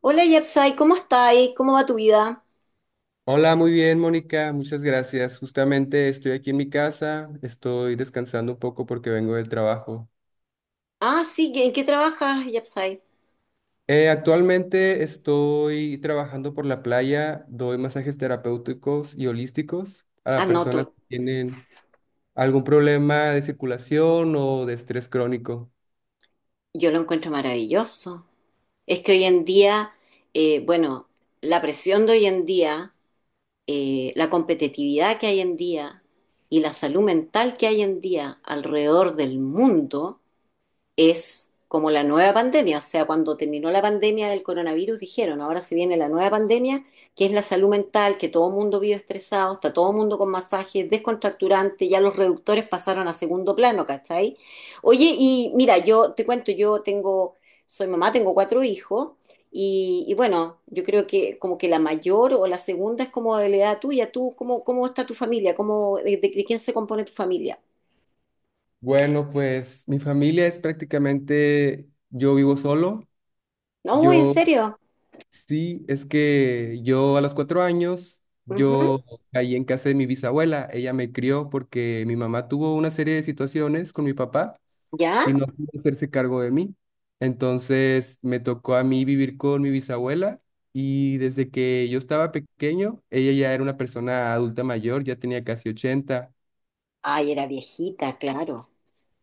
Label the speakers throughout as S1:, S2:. S1: Hola Yapsai, ¿cómo estáis? ¿Cómo va tu vida?
S2: Hola, muy bien, Mónica, muchas gracias. Justamente estoy aquí en mi casa, estoy descansando un poco porque vengo del trabajo.
S1: Ah, sí, ¿en qué trabajas, Yapsai?
S2: Actualmente estoy trabajando por la playa, doy masajes terapéuticos y holísticos
S1: Ah,
S2: a
S1: no,
S2: personas que tienen algún problema de circulación o de estrés crónico.
S1: yo lo encuentro maravilloso. Es que hoy en día, bueno, la presión de hoy en día, la competitividad que hay en día y la salud mental que hay en día alrededor del mundo es como la nueva pandemia. O sea, cuando terminó la pandemia del coronavirus, dijeron, ahora se viene la nueva pandemia, que es la salud mental, que todo el mundo vive estresado, está todo el mundo con masajes descontracturantes, ya los reductores pasaron a segundo plano, ¿cachai? Oye, y mira, yo te cuento, soy mamá, tengo cuatro hijos. Y bueno, yo creo que como que la mayor o la segunda es como de la edad tuya. ¿Tú cómo está tu familia? ¿De quién se compone tu familia?
S2: Bueno, pues mi familia es prácticamente, yo vivo solo.
S1: No, ¿en
S2: yo
S1: serio?
S2: Sí, es que yo a los 4 años,
S1: Ujú.
S2: yo caí en casa de mi bisabuela. Ella me crió porque mi mamá tuvo una serie de situaciones con mi papá
S1: ¿Ya?
S2: y no pudo hacerse cargo de mí. Entonces me tocó a mí vivir con mi bisabuela y desde que yo estaba pequeño, ella ya era una persona adulta mayor, ya tenía casi 80.
S1: Ay, era viejita, claro.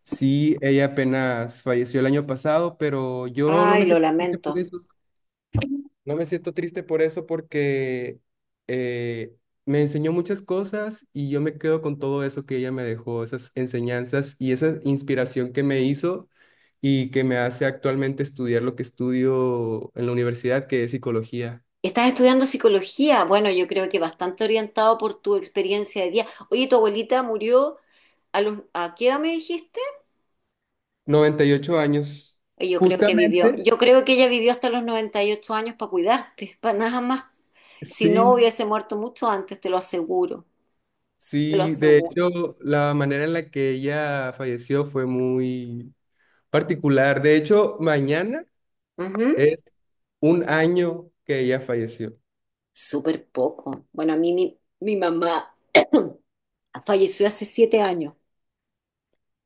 S2: Sí, ella apenas falleció el año pasado, pero yo no
S1: Ay,
S2: me
S1: lo
S2: sentí triste por
S1: lamento.
S2: eso. No me siento triste por eso porque eh, me enseñó muchas cosas y yo me quedo con todo eso que ella me dejó, esas enseñanzas y esa inspiración que me hizo y que me hace actualmente estudiar lo que estudio en la universidad, que es psicología.
S1: Estás estudiando psicología. Bueno, yo creo que bastante orientado por tu experiencia de vida. Oye, tu abuelita murió a los, ¿a qué edad me dijiste?
S2: 98 años.
S1: Oye, yo creo que vivió,
S2: Justamente,
S1: yo creo que ella vivió hasta los 98 años para cuidarte, para nada más. Si no
S2: sí,
S1: hubiese muerto mucho antes, te lo aseguro, te lo
S2: sí. De
S1: aseguro.
S2: hecho, la manera en la que ella falleció fue muy particular. De hecho, mañana
S1: Ujú.
S2: es un año que ella falleció.
S1: Súper poco. Bueno, a mí mi mamá falleció hace 7 años.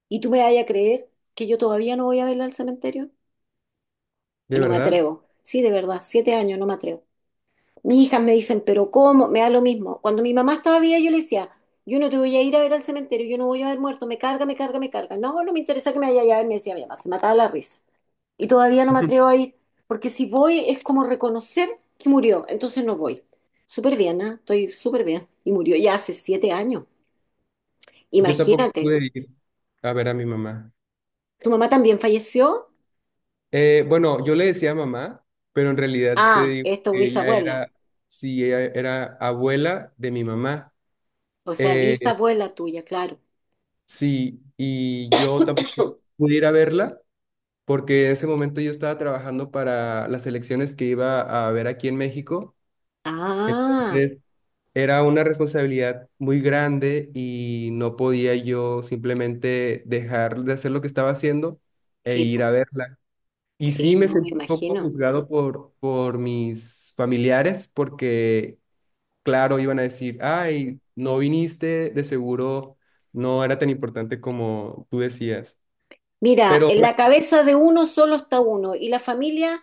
S1: ¿Y tú me vas a creer que yo todavía no voy a verla al cementerio?
S2: ¿De
S1: No me
S2: verdad?
S1: atrevo. Sí, de verdad, 7 años, no me atrevo. Mis hijas me dicen, pero ¿cómo? Me da lo mismo. Cuando mi mamá estaba viva, yo le decía, yo no te voy a ir a ver al cementerio, yo no voy a ver muerto, me carga, me carga, me carga. No, no me interesa que me vaya a ver, me decía mi mamá, se mataba la risa. Y todavía no me atrevo a ir, porque si voy es como reconocer que murió, entonces no voy. Súper bien, ¿ah? Estoy súper bien. Y murió ya hace 7 años.
S2: Yo tampoco
S1: Imagínate,
S2: pude ir a ver a mi mamá.
S1: ¿tu mamá también falleció?
S2: Bueno, yo le decía mamá, pero en realidad te
S1: Ah,
S2: digo
S1: esto es tu
S2: que ella
S1: bisabuela.
S2: era, sí, ella era abuela de mi mamá.
S1: O sea,
S2: Eh,
S1: bisabuela tuya, claro.
S2: sí, y yo tampoco pude ir a verla porque en ese momento yo estaba trabajando para las elecciones que iba a haber aquí en México.
S1: Ah.
S2: Entonces, era una responsabilidad muy grande y no podía yo simplemente dejar de hacer lo que estaba haciendo e
S1: Sí,
S2: ir a
S1: po.
S2: verla. Y sí
S1: Sí,
S2: me
S1: no, me
S2: sentí un poco
S1: imagino.
S2: juzgado por mis familiares porque, claro, iban a decir, ay, no viniste, de seguro no era tan importante como tú decías.
S1: Mira,
S2: Pero
S1: en la cabeza de uno solo está uno y la familia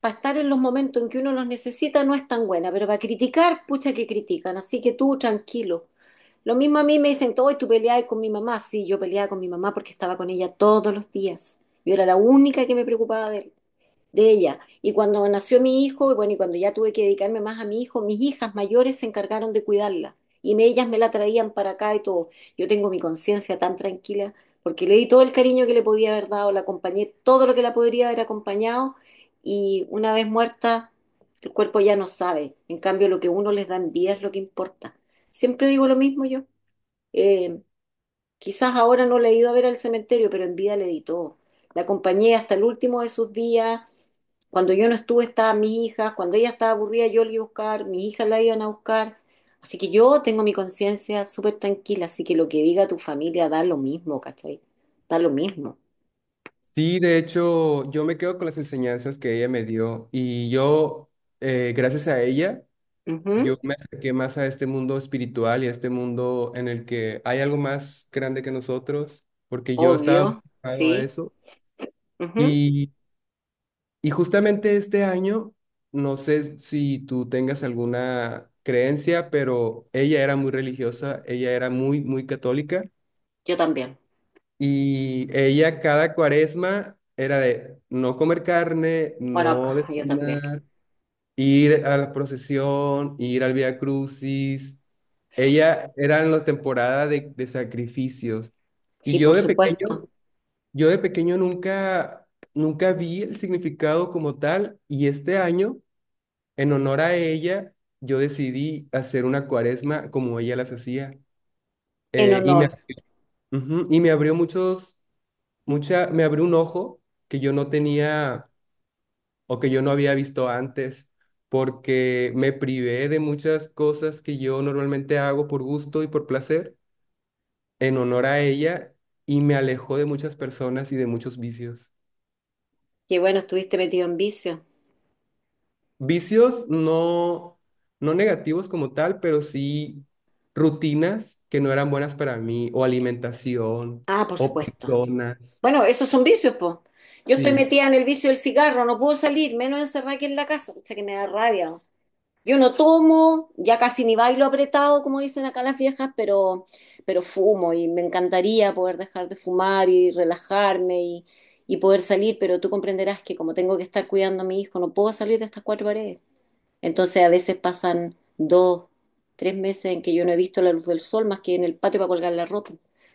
S1: para estar en los momentos en que uno los necesita no es tan buena, pero para criticar, pucha que critican, así que tú tranquilo. Lo mismo a mí me dicen, hoy tú peleabas con mi mamá. Sí, yo peleaba con mi mamá porque estaba con ella todos los días. Yo era la única que me preocupaba de él. De ella. Y cuando nació mi hijo, y bueno, y cuando ya tuve que dedicarme más a mi hijo, mis hijas mayores se encargaron de cuidarla. Y me- ellas me la traían para acá y todo. Yo tengo mi conciencia tan tranquila porque le di todo el cariño que le podía haber dado, la acompañé todo lo que la podría haber acompañado y una vez muerta, el cuerpo ya no sabe. En cambio, lo que uno les da en vida es lo que importa. Siempre digo lo mismo yo. Eh, Quizás ahora no le he ido a ver al cementerio, pero en vida le di todo. La acompañé hasta el último de sus días. Cuando yo no estuve estaba mi hija, cuando ella estaba aburrida yo la iba a buscar, mis hijas la iban a buscar. Así que yo tengo mi conciencia súper tranquila, así que lo que diga tu familia da lo mismo, ¿cachai? Da lo mismo.
S2: sí, de hecho, yo me quedo con las enseñanzas que ella me dio y yo, gracias a ella,
S1: Ujú.
S2: yo me acerqué más a este mundo espiritual y a este mundo en el que hay algo más grande que nosotros, porque yo estaba muy
S1: Obvio,
S2: enfocado a
S1: sí.
S2: eso.
S1: Ujú.
S2: Y, y justamente este año, no sé si tú tengas alguna creencia, pero ella era muy religiosa, ella era muy, muy católica
S1: Yo también.
S2: y ella cada cuaresma era de no comer carne,
S1: Bueno,
S2: no
S1: acá, yo también.
S2: desayunar, ir a la procesión, ir al Vía Crucis. Ella era en la temporada de sacrificios. Y
S1: Sí,
S2: yo
S1: por
S2: de
S1: supuesto.
S2: pequeño, yo de pequeño nunca, nunca vi el significado como tal. Y este año, en honor a ella, yo decidí hacer una cuaresma como ella las hacía.
S1: En
S2: Eh, y me,
S1: honor.
S2: ujú, y me abrió muchos, me abrió un ojo que yo no tenía o que yo no había visto antes, porque me privé de muchas cosas que yo normalmente hago por gusto y por placer en honor a ella y me alejó de muchas personas y de muchos vicios.
S1: Que bueno, estuviste metido en vicio.
S2: Vicios no, no negativos como tal, pero sí rutinas que no eran buenas para mí, o alimentación,
S1: Ah, por
S2: o
S1: supuesto.
S2: personas.
S1: Bueno, esos son vicios, po. Yo estoy
S2: Sí.
S1: metida en el vicio del cigarro, no puedo salir, menos encerrada aquí en la casa. O sea que me da rabia. Yo no tomo, ya casi ni bailo apretado, como dicen acá las viejas, pero fumo y me encantaría poder dejar de fumar y relajarme y poder salir, pero tú comprenderás que como tengo que estar cuidando a mi hijo, no puedo salir de estas cuatro paredes. Entonces a veces pasan dos, 3 meses en que yo no he visto la luz del sol más que en el patio para colgar la ropa,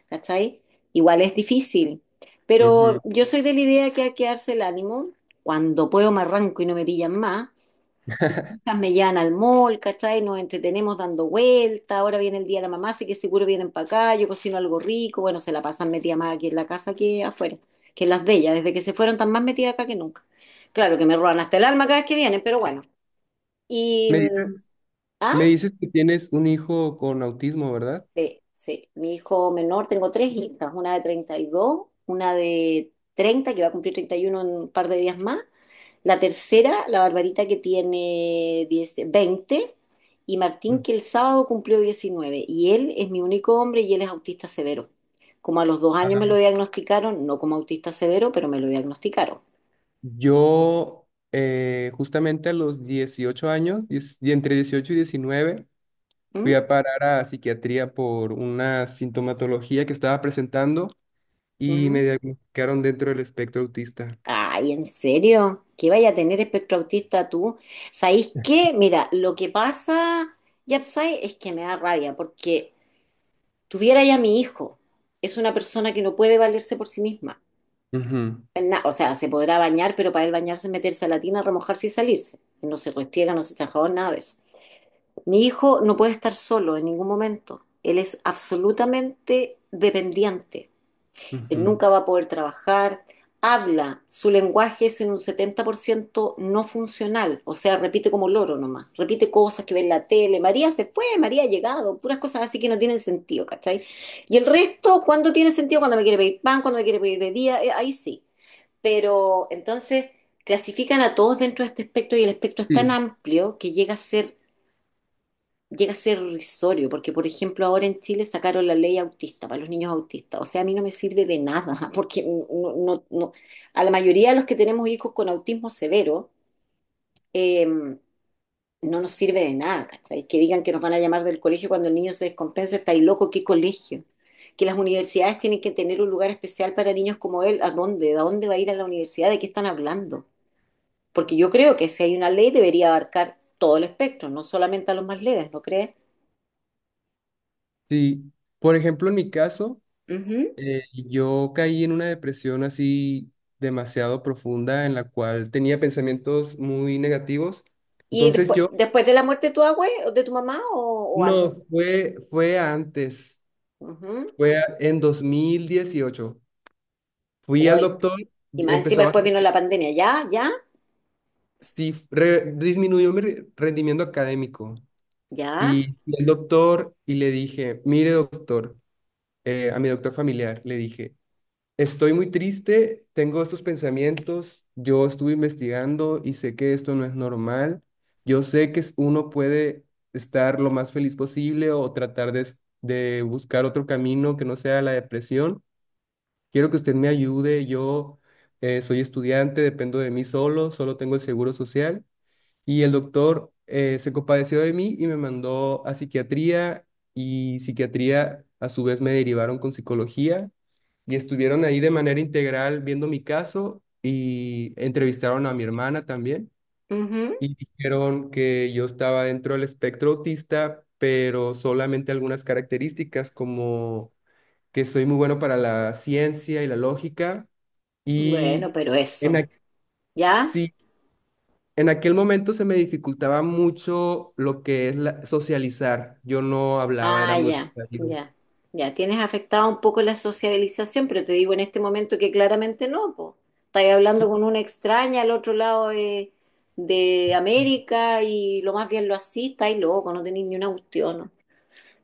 S1: ¿cachai? Igual es difícil, pero
S2: Ujú.
S1: yo soy de la idea que hay que darse el ánimo. Cuando puedo me arranco y no me pillan más, me llevan al mall, ¿cachai? Nos entretenemos dando vueltas, ahora viene el día de la mamá, así que seguro vienen para acá, yo cocino algo rico, bueno, se la pasan metida más aquí en la casa que afuera, que en las de ellas, desde que se fueron están más metidas acá que nunca. Claro que me roban hasta el alma cada vez que vienen, pero bueno. Y,
S2: Me dices,
S1: ah,
S2: me dices que tienes un hijo con autismo, ¿verdad?
S1: sí, sí, mi hijo menor, tengo tres hijas, una de 32, una de 30 que va a cumplir 31 en un par de días más. La tercera, la Barbarita que tiene 10, 20, y Martín
S2: Mm.
S1: que el sábado cumplió 19, y él es mi único hombre y él es autista severo. Como a los 2 años me lo
S2: Ah.
S1: diagnosticaron, no como autista severo, pero me lo diagnosticaron.
S2: Yo, justamente a los 18 años, y entre 18 y 19
S1: ¿Mm?
S2: fui a parar a psiquiatría por una sintomatología que estaba presentando y me
S1: ¿Mm?
S2: diagnosticaron dentro del espectro autista.
S1: Ay, ¿en serio? ¿Qué vaya a tener espectro autista tú? ¿Sabéis qué? Mira, lo que pasa, Yapsai, es que me da rabia porque tuviera ya mi hijo. Es una persona que no puede valerse por sí misma.
S2: Ujú,
S1: O sea, se podrá bañar, pero para él bañarse es meterse a la tina, remojarse y salirse. No se restriega, no se echa jabón, nada de eso. Mi hijo no puede estar solo en ningún momento. Él es absolutamente dependiente. Él
S2: ujú.
S1: nunca va a poder trabajar. Habla, su lenguaje es en un 70% no funcional, o sea, repite como loro nomás, repite cosas que ve en la tele, María se fue, María ha llegado, puras cosas así que no tienen sentido, ¿cachai? Y el resto, ¿cuándo tiene sentido? Cuando me quiere pedir pan, cuando me quiere pedir bebida, ahí sí. Pero entonces clasifican a todos dentro de este espectro y el espectro es tan
S2: Sí.
S1: amplio que llega a ser irrisorio, porque por ejemplo ahora en Chile sacaron la ley autista para los niños autistas. O sea, a mí no me sirve de nada, porque no, a la mayoría de los que tenemos hijos con autismo severo, eh, no nos sirve de nada, ¿cachai? Que digan que nos van a llamar del colegio cuando el niño se descompensa, está ahí loco, ¿qué colegio? Que las universidades tienen que tener un lugar especial para niños como él. ¿A dónde? ¿A dónde va a ir a la universidad? ¿De qué están hablando? Porque yo creo que si hay una ley debería abarcar todo el espectro, no solamente a los más leves, ¿no crees?
S2: Sí. Por ejemplo, en mi caso,
S1: Ujú.
S2: yo caí en una depresión así demasiado profunda en la cual tenía pensamientos muy negativos.
S1: Y
S2: Entonces
S1: después,
S2: yo,
S1: después de la muerte de tu abue, o de tu mamá o antes.
S2: no, fue antes,
S1: Ujú.
S2: en 2018. Fui al
S1: Uy.
S2: doctor,
S1: Y más encima
S2: empezó a,
S1: después vino la pandemia. ¿Ya? ¿Ya?
S2: sí, disminuyó mi rendimiento académico.
S1: ¿Ya?
S2: Y fui al doctor y le dije, mire doctor, a mi doctor familiar, le dije, estoy muy triste, tengo estos pensamientos, yo estuve investigando y sé que esto no es normal, yo sé que uno puede estar lo más feliz posible o tratar de, de buscar otro camino que no sea la depresión. Quiero que usted me ayude, yo soy estudiante, dependo de mí solo, solo tengo el seguro social. Y el doctor se compadeció de mí y me mandó a psiquiatría y psiquiatría a su vez me derivaron con psicología y estuvieron ahí de manera integral viendo mi caso y entrevistaron a mi hermana también
S1: Ujú.
S2: y dijeron que yo estaba dentro del espectro autista, pero solamente algunas características como que soy muy bueno para la ciencia y la lógica
S1: Bueno,
S2: y
S1: pero
S2: en
S1: eso.
S2: ac-
S1: ¿Ya?
S2: sí, en aquel momento se me dificultaba mucho lo que es socializar. Yo no hablaba, era
S1: Ah,
S2: muy
S1: ya,
S2: retraído.
S1: ya, ya. Tienes afectado un poco la sociabilización, pero te digo en este momento que claramente no, po. Estás hablando
S2: Sí,
S1: con una extraña al otro lado de de América y lo más bien lo así, estáis loco, no tenéis ni una cuestión. ¿No?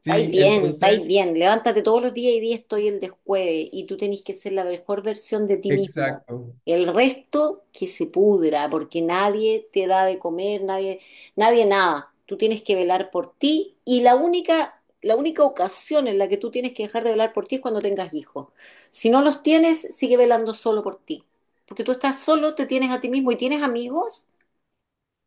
S1: Estáis
S2: sí,
S1: bien,
S2: entonces,
S1: estáis bien. Levántate todos los días y día estoy el descueve. Y tú tenés que ser la mejor versión de ti mismo.
S2: exacto.
S1: El resto que se pudra, porque nadie te da de comer, nadie, nadie nada. Tú tienes que velar por ti y la única ocasión en la que tú tienes que dejar de velar por ti es cuando tengas hijos. Si no los tienes, sigue velando solo por ti. Porque tú estás solo, te tienes a ti mismo y tienes amigos.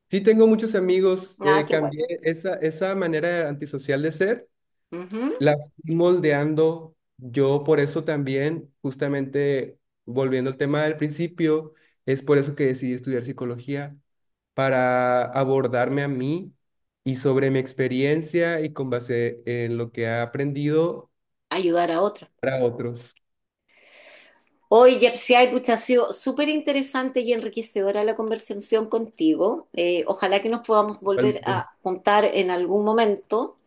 S2: Sí, tengo muchos amigos.
S1: Ah, qué
S2: Cambié
S1: bueno.
S2: esa, manera antisocial de ser,
S1: Ujú.
S2: la fui moldeando. Yo por eso también, justamente volviendo al tema del principio, es por eso que decidí estudiar psicología, para abordarme a mí y sobre mi experiencia y con base en lo que ha aprendido
S1: Ayudar a otros.
S2: para otros.
S1: Oye, Yepsiay, pucha, ha sido súper interesante y enriquecedora la conversación contigo. Ojalá que nos podamos volver
S2: Realmente.
S1: a juntar en algún momento.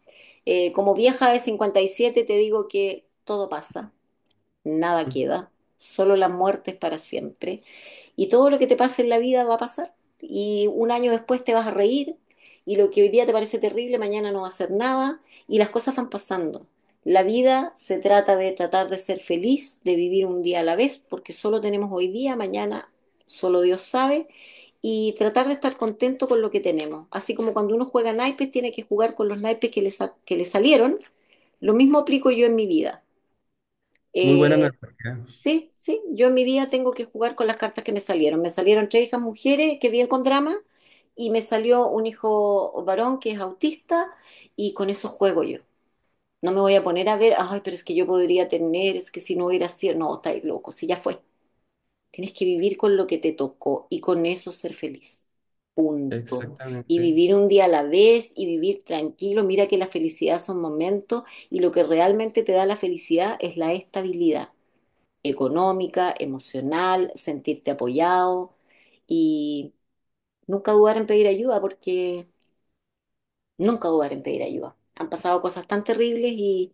S1: Como vieja de 57, te digo que todo pasa, nada queda, solo la muerte es para siempre. Y todo lo que te pase en la vida va a pasar. Y un año después te vas a reír y lo que hoy día te parece terrible, mañana no va a ser nada y las cosas van pasando. La vida se trata de tratar de ser feliz, de vivir un día a la vez, porque solo tenemos hoy día, mañana solo Dios sabe, y tratar de estar contento con lo que tenemos. Así como cuando uno juega naipes, tiene que jugar con los naipes que le, que le salieron, lo mismo aplico yo en mi vida.
S2: Muy buena
S1: Eh,
S2: analogía.
S1: Sí, sí, yo en mi vida tengo que jugar con las cartas que me salieron. Me salieron tres hijas mujeres que viven con drama y me salió un hijo varón que es autista y con eso juego yo. No me voy a poner a ver, ay, pero es que yo podría tener, es que si no hubiera sido, no, estáis loco, si ya fue. Tienes que vivir con lo que te tocó y con eso ser feliz. Punto. Y
S2: Exactamente.
S1: vivir un día a la vez y vivir tranquilo. Mira que la felicidad son momentos y lo que realmente te da la felicidad es la estabilidad económica, emocional, sentirte apoyado y nunca dudar en pedir ayuda porque nunca dudar en pedir ayuda. Han pasado cosas tan terribles y,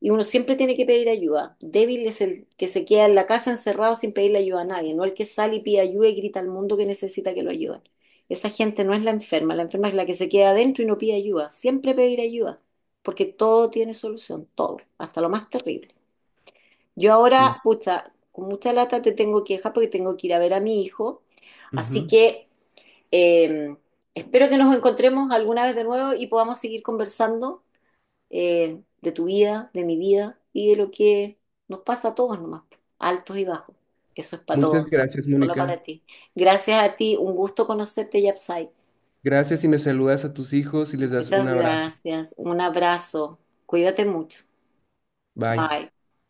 S1: y uno siempre tiene que pedir ayuda. Débil es el que se queda en la casa encerrado sin pedirle ayuda a nadie, no el que sale y pide ayuda y grita al mundo que necesita que lo ayuden. Esa gente no es la enferma es la que se queda adentro y no pide ayuda. Siempre pedir ayuda, porque todo tiene solución, todo, hasta lo más terrible. Yo
S2: Sí.
S1: ahora, pucha, con mucha lata te tengo que dejar porque tengo que ir a ver a mi hijo. Así
S2: Ujú.
S1: que eh, espero que nos encontremos alguna vez de nuevo y podamos seguir conversando, de tu vida, de mi vida y de lo que nos pasa a todos nomás, altos y bajos. Eso es para
S2: Muchas
S1: todos, no
S2: gracias,
S1: solo
S2: Mónica.
S1: para ti. Gracias a ti, un gusto conocerte, Yapsai.
S2: Gracias y me saludas a tus hijos y les das un
S1: Muchas
S2: abrazo.
S1: gracias, un abrazo, cuídate mucho.
S2: Bye.
S1: Bye.